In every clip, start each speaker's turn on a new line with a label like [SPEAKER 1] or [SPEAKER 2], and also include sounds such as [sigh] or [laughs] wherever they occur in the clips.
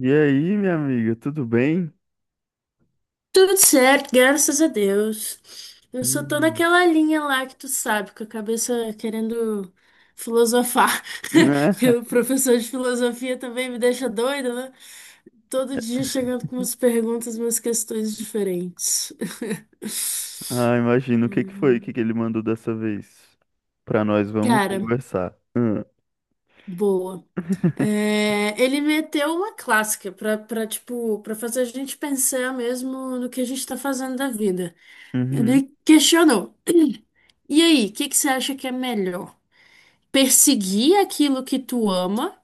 [SPEAKER 1] E aí, minha amiga, tudo bem?
[SPEAKER 2] Tudo certo, graças a Deus. Eu só tô
[SPEAKER 1] Hum.
[SPEAKER 2] naquela linha lá que tu sabe, com a cabeça querendo filosofar.
[SPEAKER 1] Né?
[SPEAKER 2] [laughs] Que o professor de filosofia também me deixa doida, né? Todo dia chegando com umas perguntas, umas questões diferentes. [laughs]
[SPEAKER 1] Ah, imagino. O que
[SPEAKER 2] Hum,
[SPEAKER 1] que ele mandou dessa vez? Pra nós, vamos
[SPEAKER 2] Cara,
[SPEAKER 1] conversar. Hum.
[SPEAKER 2] boa.
[SPEAKER 1] [laughs]
[SPEAKER 2] É, ele meteu uma clássica tipo, pra fazer a gente pensar mesmo no que a gente tá fazendo da vida.
[SPEAKER 1] Uhum,
[SPEAKER 2] Ele questionou. E aí, o que que você acha que é melhor? Perseguir aquilo que tu ama,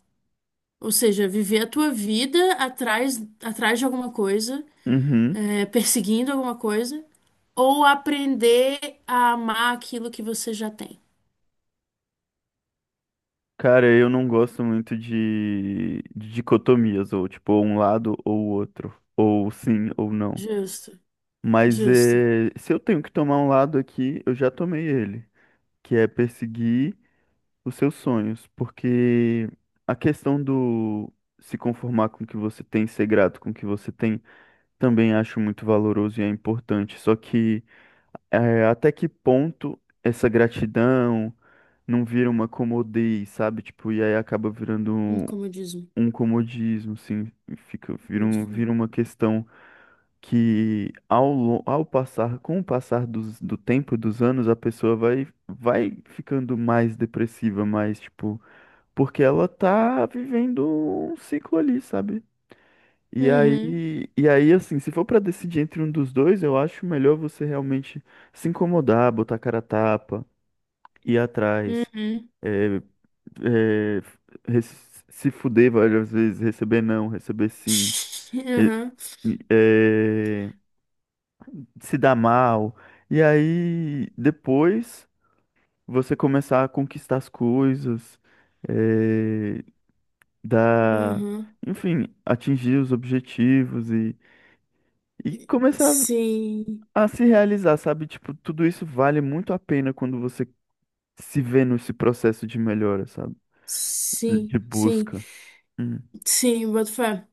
[SPEAKER 2] ou seja, viver a tua vida atrás de alguma coisa,
[SPEAKER 1] uhum.
[SPEAKER 2] perseguindo alguma coisa, ou aprender a amar aquilo que você já tem?
[SPEAKER 1] Cara, eu não gosto muito de dicotomias, ou tipo, ou um lado ou o outro, ou sim ou não.
[SPEAKER 2] Justo,
[SPEAKER 1] Mas
[SPEAKER 2] justo.
[SPEAKER 1] é, se eu tenho que tomar um lado aqui, eu já tomei ele, que é perseguir os seus sonhos, porque a questão do se conformar com o que você tem, ser grato com o que você tem, também acho muito valoroso e é importante. Só que até que ponto essa gratidão não vira uma comodez, sabe? Tipo, e aí acaba virando
[SPEAKER 2] Um comodismo.
[SPEAKER 1] um comodismo, assim, fica, vira,
[SPEAKER 2] Boto fé.
[SPEAKER 1] vira uma questão que ao passar, com o passar do tempo, dos anos, a pessoa vai ficando mais depressiva, mais, tipo, porque ela tá vivendo um ciclo ali, sabe? E
[SPEAKER 2] Uhum,
[SPEAKER 1] aí, e aí, assim, se for pra decidir entre um dos dois, eu acho melhor você realmente se incomodar, botar a cara a tapa, ir atrás,
[SPEAKER 2] uhum.
[SPEAKER 1] é, é, se fuder várias vezes, receber não, receber sim, é,
[SPEAKER 2] [laughs]
[SPEAKER 1] é, se dar mal. E aí, depois, você começar a conquistar as coisas, é,
[SPEAKER 2] Uhum,
[SPEAKER 1] da,
[SPEAKER 2] uhum.
[SPEAKER 1] enfim, atingir os objetivos e começar
[SPEAKER 2] Sim,
[SPEAKER 1] a se realizar, sabe? Tipo, tudo isso vale muito a pena quando você se vê nesse processo de melhora, sabe? De
[SPEAKER 2] sim, sim.
[SPEAKER 1] busca. Hum.
[SPEAKER 2] Sim, boto fé.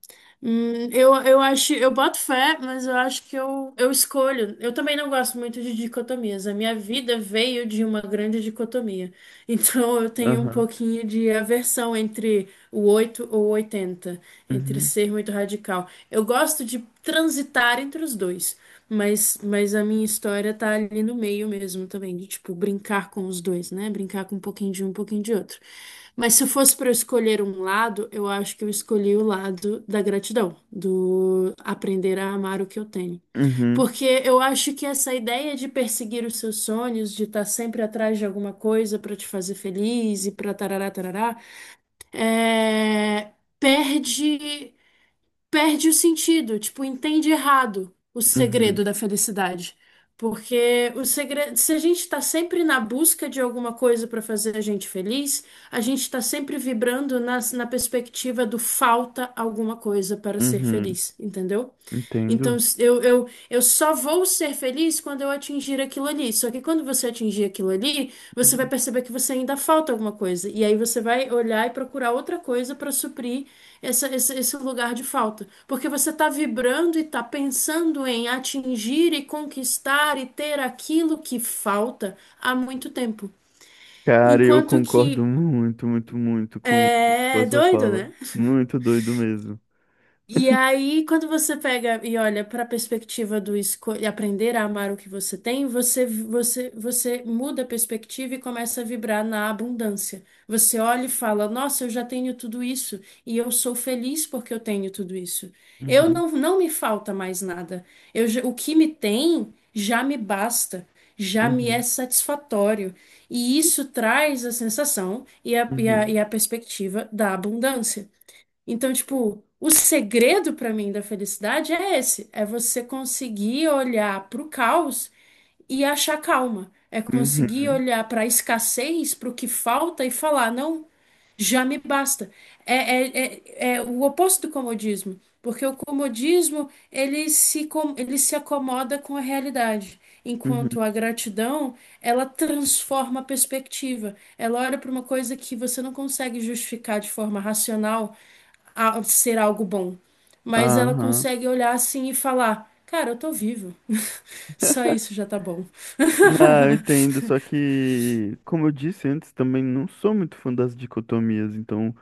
[SPEAKER 2] Eu acho, eu boto fé, mas eu acho que eu escolho. Eu também não gosto muito de dicotomias. A minha vida veio de uma grande dicotomia. [laughs] Então eu tenho um
[SPEAKER 1] Aham.
[SPEAKER 2] pouquinho de aversão entre o 8 ou oitenta, entre
[SPEAKER 1] Uhum.
[SPEAKER 2] ser muito radical. Eu gosto de transitar entre os dois. Mas a minha história tá ali no meio mesmo também, de tipo, brincar com os dois, né? Brincar com um pouquinho de um, um pouquinho de outro. Mas se fosse para eu escolher um lado, eu acho que eu escolhi o lado da gratidão, do aprender a amar o que eu tenho.
[SPEAKER 1] Uhum.
[SPEAKER 2] Porque eu acho que essa ideia de perseguir os seus sonhos, de estar sempre atrás de alguma coisa para te fazer feliz e para tarará, tarará, é, perde perde o sentido, tipo, entende errado o
[SPEAKER 1] Uhum.
[SPEAKER 2] segredo da felicidade. Porque o segredo, se a gente está sempre na busca de alguma coisa para fazer a gente feliz, a gente está sempre vibrando na perspectiva do falta alguma coisa para ser
[SPEAKER 1] Uhum.
[SPEAKER 2] feliz, entendeu? Então,
[SPEAKER 1] Entendo.
[SPEAKER 2] eu só vou ser feliz quando eu atingir aquilo ali. Só que quando você atingir aquilo ali, você vai
[SPEAKER 1] Uhum.
[SPEAKER 2] perceber que você ainda falta alguma coisa. E aí você vai olhar e procurar outra coisa para suprir esse lugar de falta. Porque você está vibrando e está pensando em atingir e conquistar e ter aquilo que falta há muito tempo.
[SPEAKER 1] Cara, eu
[SPEAKER 2] Enquanto
[SPEAKER 1] concordo
[SPEAKER 2] que
[SPEAKER 1] muito, muito, muito com a
[SPEAKER 2] é
[SPEAKER 1] sua
[SPEAKER 2] doido,
[SPEAKER 1] fala.
[SPEAKER 2] né?
[SPEAKER 1] Muito doido mesmo.
[SPEAKER 2] E aí, quando você pega e olha para a perspectiva do e aprender a amar o que você tem, você muda a perspectiva e começa a vibrar na abundância. Você olha e fala: Nossa, eu já tenho tudo isso e eu sou feliz porque eu tenho tudo isso. Eu
[SPEAKER 1] Uhum.
[SPEAKER 2] não me falta mais nada. O que me tem já me basta. Já me é
[SPEAKER 1] Uhum.
[SPEAKER 2] satisfatório. E isso traz a sensação e
[SPEAKER 1] Uhum.
[SPEAKER 2] a perspectiva da abundância. Então, tipo, o segredo pra mim da felicidade é esse, é você conseguir olhar pro caos e achar calma. É conseguir
[SPEAKER 1] Uhum.
[SPEAKER 2] olhar para a escassez, para o que falta e falar, não, já me basta. É, é, é o oposto do comodismo, porque o comodismo ele se, com- ele se acomoda com a realidade,
[SPEAKER 1] Uhum.
[SPEAKER 2] enquanto a gratidão ela transforma a perspectiva. Ela olha para uma coisa que você não consegue justificar de forma racional ser algo bom, mas ela
[SPEAKER 1] Aham.
[SPEAKER 2] consegue olhar assim e falar: Cara, eu tô vivo. [laughs] Só isso já tá bom.
[SPEAKER 1] Ah, eu entendo, só
[SPEAKER 2] [laughs]
[SPEAKER 1] que, como eu disse antes, também não sou muito fã das dicotomias, então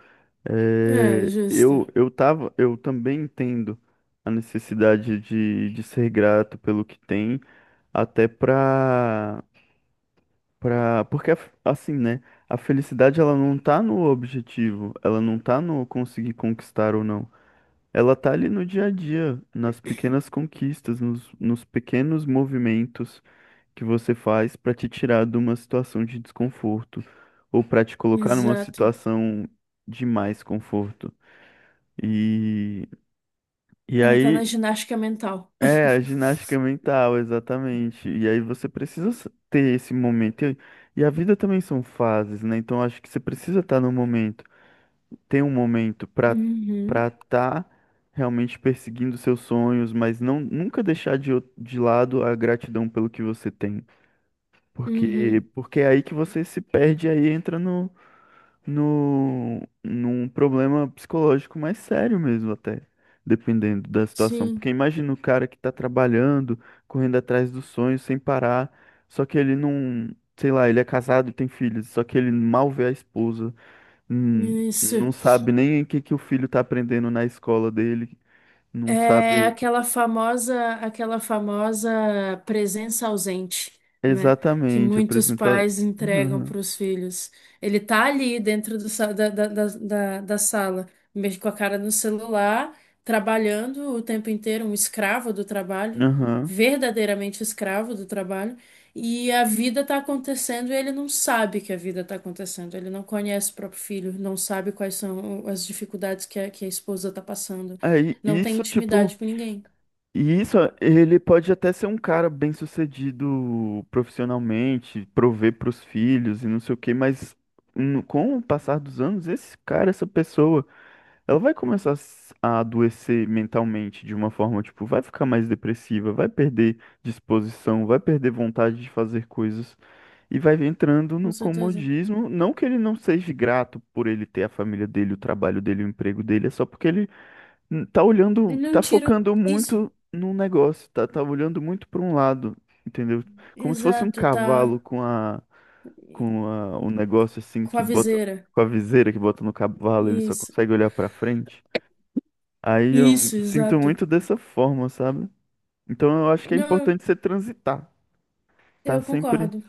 [SPEAKER 2] É, justo.
[SPEAKER 1] eu tava, eu também entendo a necessidade de ser grato pelo que tem, até pra, pra, porque assim, né, a felicidade ela não tá no objetivo, ela não tá no conseguir conquistar ou não, ela tá ali no dia a dia, nas pequenas conquistas, nos, nos pequenos movimentos, que você faz para te tirar de uma situação de desconforto ou para te colocar numa
[SPEAKER 2] Exato.
[SPEAKER 1] situação de mais conforto. E, e
[SPEAKER 2] Ela tá
[SPEAKER 1] aí,
[SPEAKER 2] na ginástica mental.
[SPEAKER 1] é a
[SPEAKER 2] [laughs]
[SPEAKER 1] ginástica mental, exatamente. E aí você precisa ter esse momento. E a vida também são fases, né? Então acho que você precisa estar no momento, ter um momento
[SPEAKER 2] Uhum,
[SPEAKER 1] para estar realmente perseguindo seus sonhos, mas não nunca deixar de lado a gratidão pelo que você tem.
[SPEAKER 2] uhum,
[SPEAKER 1] Porque é aí que você se perde, aí entra no, num problema psicológico mais sério mesmo, até, dependendo da situação. Porque
[SPEAKER 2] sim,
[SPEAKER 1] imagina o cara que tá trabalhando, correndo atrás do sonho sem parar, só que ele não, sei lá, ele é casado, e tem filhos, só que ele mal vê a esposa, hum,
[SPEAKER 2] isso.
[SPEAKER 1] não sabe nem o que que o filho tá aprendendo na escola dele, não
[SPEAKER 2] É
[SPEAKER 1] sabe tipo,
[SPEAKER 2] aquela famosa presença ausente, né? Que
[SPEAKER 1] exatamente
[SPEAKER 2] muitos
[SPEAKER 1] apresentar.
[SPEAKER 2] pais entregam
[SPEAKER 1] Aham.
[SPEAKER 2] para os filhos. Ele tá ali dentro do sa- da, da, da, da da sala, mexe com a cara no celular, trabalhando o tempo inteiro, um escravo do trabalho,
[SPEAKER 1] Aham.
[SPEAKER 2] verdadeiramente escravo do trabalho, e a vida tá acontecendo e ele não sabe que a vida tá acontecendo. Ele não conhece o próprio filho, não sabe quais são as dificuldades que a esposa tá passando.
[SPEAKER 1] Aí,
[SPEAKER 2] Não tem
[SPEAKER 1] isso, tipo.
[SPEAKER 2] intimidade com ninguém,
[SPEAKER 1] E isso, ele pode até ser um cara bem-sucedido profissionalmente, prover para os filhos e não sei o quê, mas com o passar dos anos, esse cara, essa pessoa, ela vai começar a a adoecer mentalmente de uma forma, tipo, vai ficar mais depressiva, vai perder disposição, vai perder vontade de fazer coisas e vai entrando
[SPEAKER 2] com
[SPEAKER 1] no
[SPEAKER 2] certeza.
[SPEAKER 1] comodismo. Não que ele não seja grato por ele ter a família dele, o trabalho dele, o emprego dele, é só porque ele tá
[SPEAKER 2] E
[SPEAKER 1] olhando,
[SPEAKER 2] não
[SPEAKER 1] tá
[SPEAKER 2] tira
[SPEAKER 1] focando
[SPEAKER 2] isso.
[SPEAKER 1] muito num negócio, tá, tá olhando muito para um lado, entendeu? Como se fosse um
[SPEAKER 2] Exato,
[SPEAKER 1] cavalo
[SPEAKER 2] tá
[SPEAKER 1] com um negócio assim
[SPEAKER 2] com
[SPEAKER 1] que
[SPEAKER 2] a
[SPEAKER 1] bota,
[SPEAKER 2] viseira.
[SPEAKER 1] com a viseira que bota no cavalo, ele só
[SPEAKER 2] Isso.
[SPEAKER 1] consegue olhar para frente. Aí eu
[SPEAKER 2] Isso,
[SPEAKER 1] sinto
[SPEAKER 2] exato.
[SPEAKER 1] muito dessa forma, sabe? Então eu acho que é
[SPEAKER 2] Não,
[SPEAKER 1] importante você transitar, tá
[SPEAKER 2] eu
[SPEAKER 1] sempre,
[SPEAKER 2] concordo.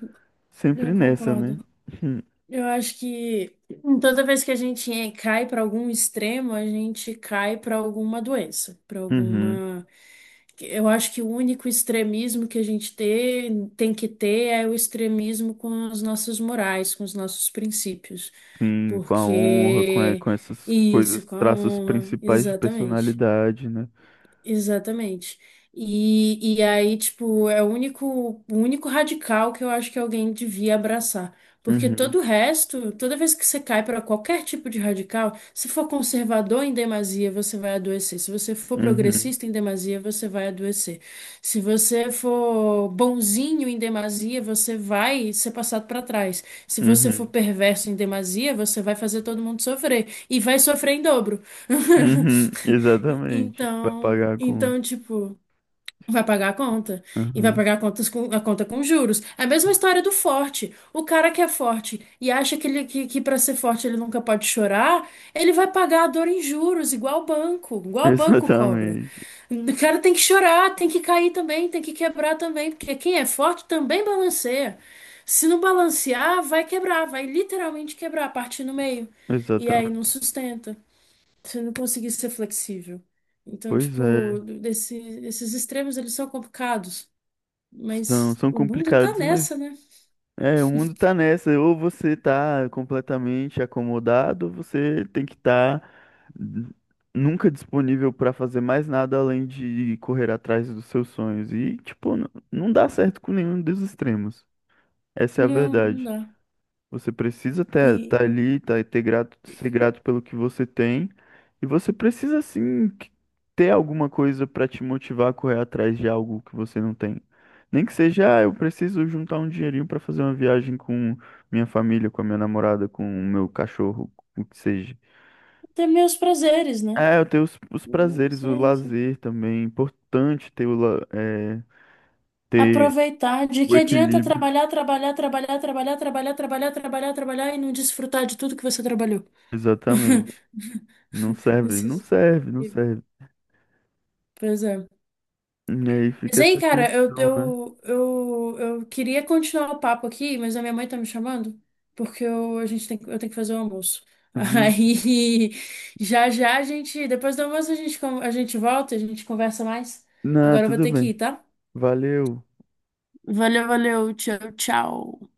[SPEAKER 1] sempre
[SPEAKER 2] Eu
[SPEAKER 1] nessa,
[SPEAKER 2] concordo.
[SPEAKER 1] né? [laughs]
[SPEAKER 2] Eu acho que toda vez que a gente cai para algum extremo, a gente cai para alguma doença, para
[SPEAKER 1] Uhum,
[SPEAKER 2] alguma. Eu acho que o único extremismo que tem que ter é o extremismo com as nossas morais, com os nossos princípios.
[SPEAKER 1] sim, com a honra, com,
[SPEAKER 2] Porque
[SPEAKER 1] com essas
[SPEAKER 2] isso,
[SPEAKER 1] coisas,
[SPEAKER 2] com a
[SPEAKER 1] traços
[SPEAKER 2] honra,
[SPEAKER 1] principais de
[SPEAKER 2] exatamente.
[SPEAKER 1] personalidade, né?
[SPEAKER 2] Exatamente. E aí, tipo, é o único radical que eu acho que alguém devia abraçar. Porque todo
[SPEAKER 1] Uhum,
[SPEAKER 2] o resto, toda vez que você cai para qualquer tipo de radical, se for conservador em demasia, você vai adoecer. Se você for
[SPEAKER 1] uhum.
[SPEAKER 2] progressista em demasia, você vai adoecer. Se você for bonzinho em demasia, você vai ser passado para trás. Se você for
[SPEAKER 1] Uhum.
[SPEAKER 2] perverso em demasia, você vai fazer todo mundo sofrer. E vai sofrer em dobro. [laughs]
[SPEAKER 1] Uhum. Exatamente. Vai
[SPEAKER 2] Então.
[SPEAKER 1] pagar a
[SPEAKER 2] Então,
[SPEAKER 1] conta.
[SPEAKER 2] tipo, vai pagar a conta. E vai
[SPEAKER 1] Uhum.
[SPEAKER 2] pagar a conta com juros. É a mesma história do forte. O cara que é forte e acha que para ser forte ele nunca pode chorar, ele vai pagar a dor em juros,
[SPEAKER 1] [laughs]
[SPEAKER 2] igual o banco cobra.
[SPEAKER 1] Exatamente.
[SPEAKER 2] O cara tem que chorar, tem que cair também, tem que quebrar também, porque quem é forte também balanceia. Se não balancear, vai quebrar, vai literalmente quebrar, partir no meio. E aí não
[SPEAKER 1] Exatamente.
[SPEAKER 2] sustenta você não conseguir ser flexível. Então,
[SPEAKER 1] Pois
[SPEAKER 2] tipo,
[SPEAKER 1] é.
[SPEAKER 2] esse- esses extremos, eles são complicados,
[SPEAKER 1] São,
[SPEAKER 2] mas
[SPEAKER 1] são
[SPEAKER 2] o mundo tá
[SPEAKER 1] complicados, mas
[SPEAKER 2] nessa, né?
[SPEAKER 1] é, o mundo tá nessa. Ou você tá completamente acomodado, ou você tem que estar nunca disponível pra fazer mais nada além de correr atrás dos seus sonhos. E, tipo, não dá certo com nenhum dos extremos. Essa é a
[SPEAKER 2] Não, não
[SPEAKER 1] verdade.
[SPEAKER 2] dá.
[SPEAKER 1] Você precisa estar
[SPEAKER 2] E
[SPEAKER 1] tá ali, tá, ter grato, ser grato pelo que você tem. E você precisa, sim, ter alguma coisa para te motivar a correr atrás de algo que você não tem. Nem que seja, ah, eu preciso juntar um dinheirinho para fazer uma viagem com minha família, com a minha namorada, com o meu cachorro, o que seja.
[SPEAKER 2] ter meus prazeres, né?
[SPEAKER 1] É, eu tenho os prazeres,
[SPEAKER 2] Isso
[SPEAKER 1] o
[SPEAKER 2] é isso.
[SPEAKER 1] lazer também. É importante ter é, ter
[SPEAKER 2] Aproveitar. De
[SPEAKER 1] o
[SPEAKER 2] que adianta
[SPEAKER 1] equilíbrio.
[SPEAKER 2] trabalhar, trabalhar, trabalhar, trabalhar, trabalhar, trabalhar, trabalhar, trabalhar e não desfrutar de tudo que você trabalhou?
[SPEAKER 1] Exatamente. Não serve, não
[SPEAKER 2] Esses-
[SPEAKER 1] serve, não serve.
[SPEAKER 2] pois é.
[SPEAKER 1] E aí fica
[SPEAKER 2] Mas aí,
[SPEAKER 1] essa
[SPEAKER 2] cara,
[SPEAKER 1] questão, né?
[SPEAKER 2] eu queria continuar o papo aqui, mas a minha mãe tá me chamando, porque a gente eu tenho que fazer o almoço. [laughs]
[SPEAKER 1] Vixe.
[SPEAKER 2] Aí, já já depois do almoço a gente volta, a gente conversa mais.
[SPEAKER 1] Não,
[SPEAKER 2] Agora eu vou
[SPEAKER 1] tudo
[SPEAKER 2] ter que ir,
[SPEAKER 1] bem.
[SPEAKER 2] tá?
[SPEAKER 1] Valeu.
[SPEAKER 2] Valeu, valeu. Tchau, tchau.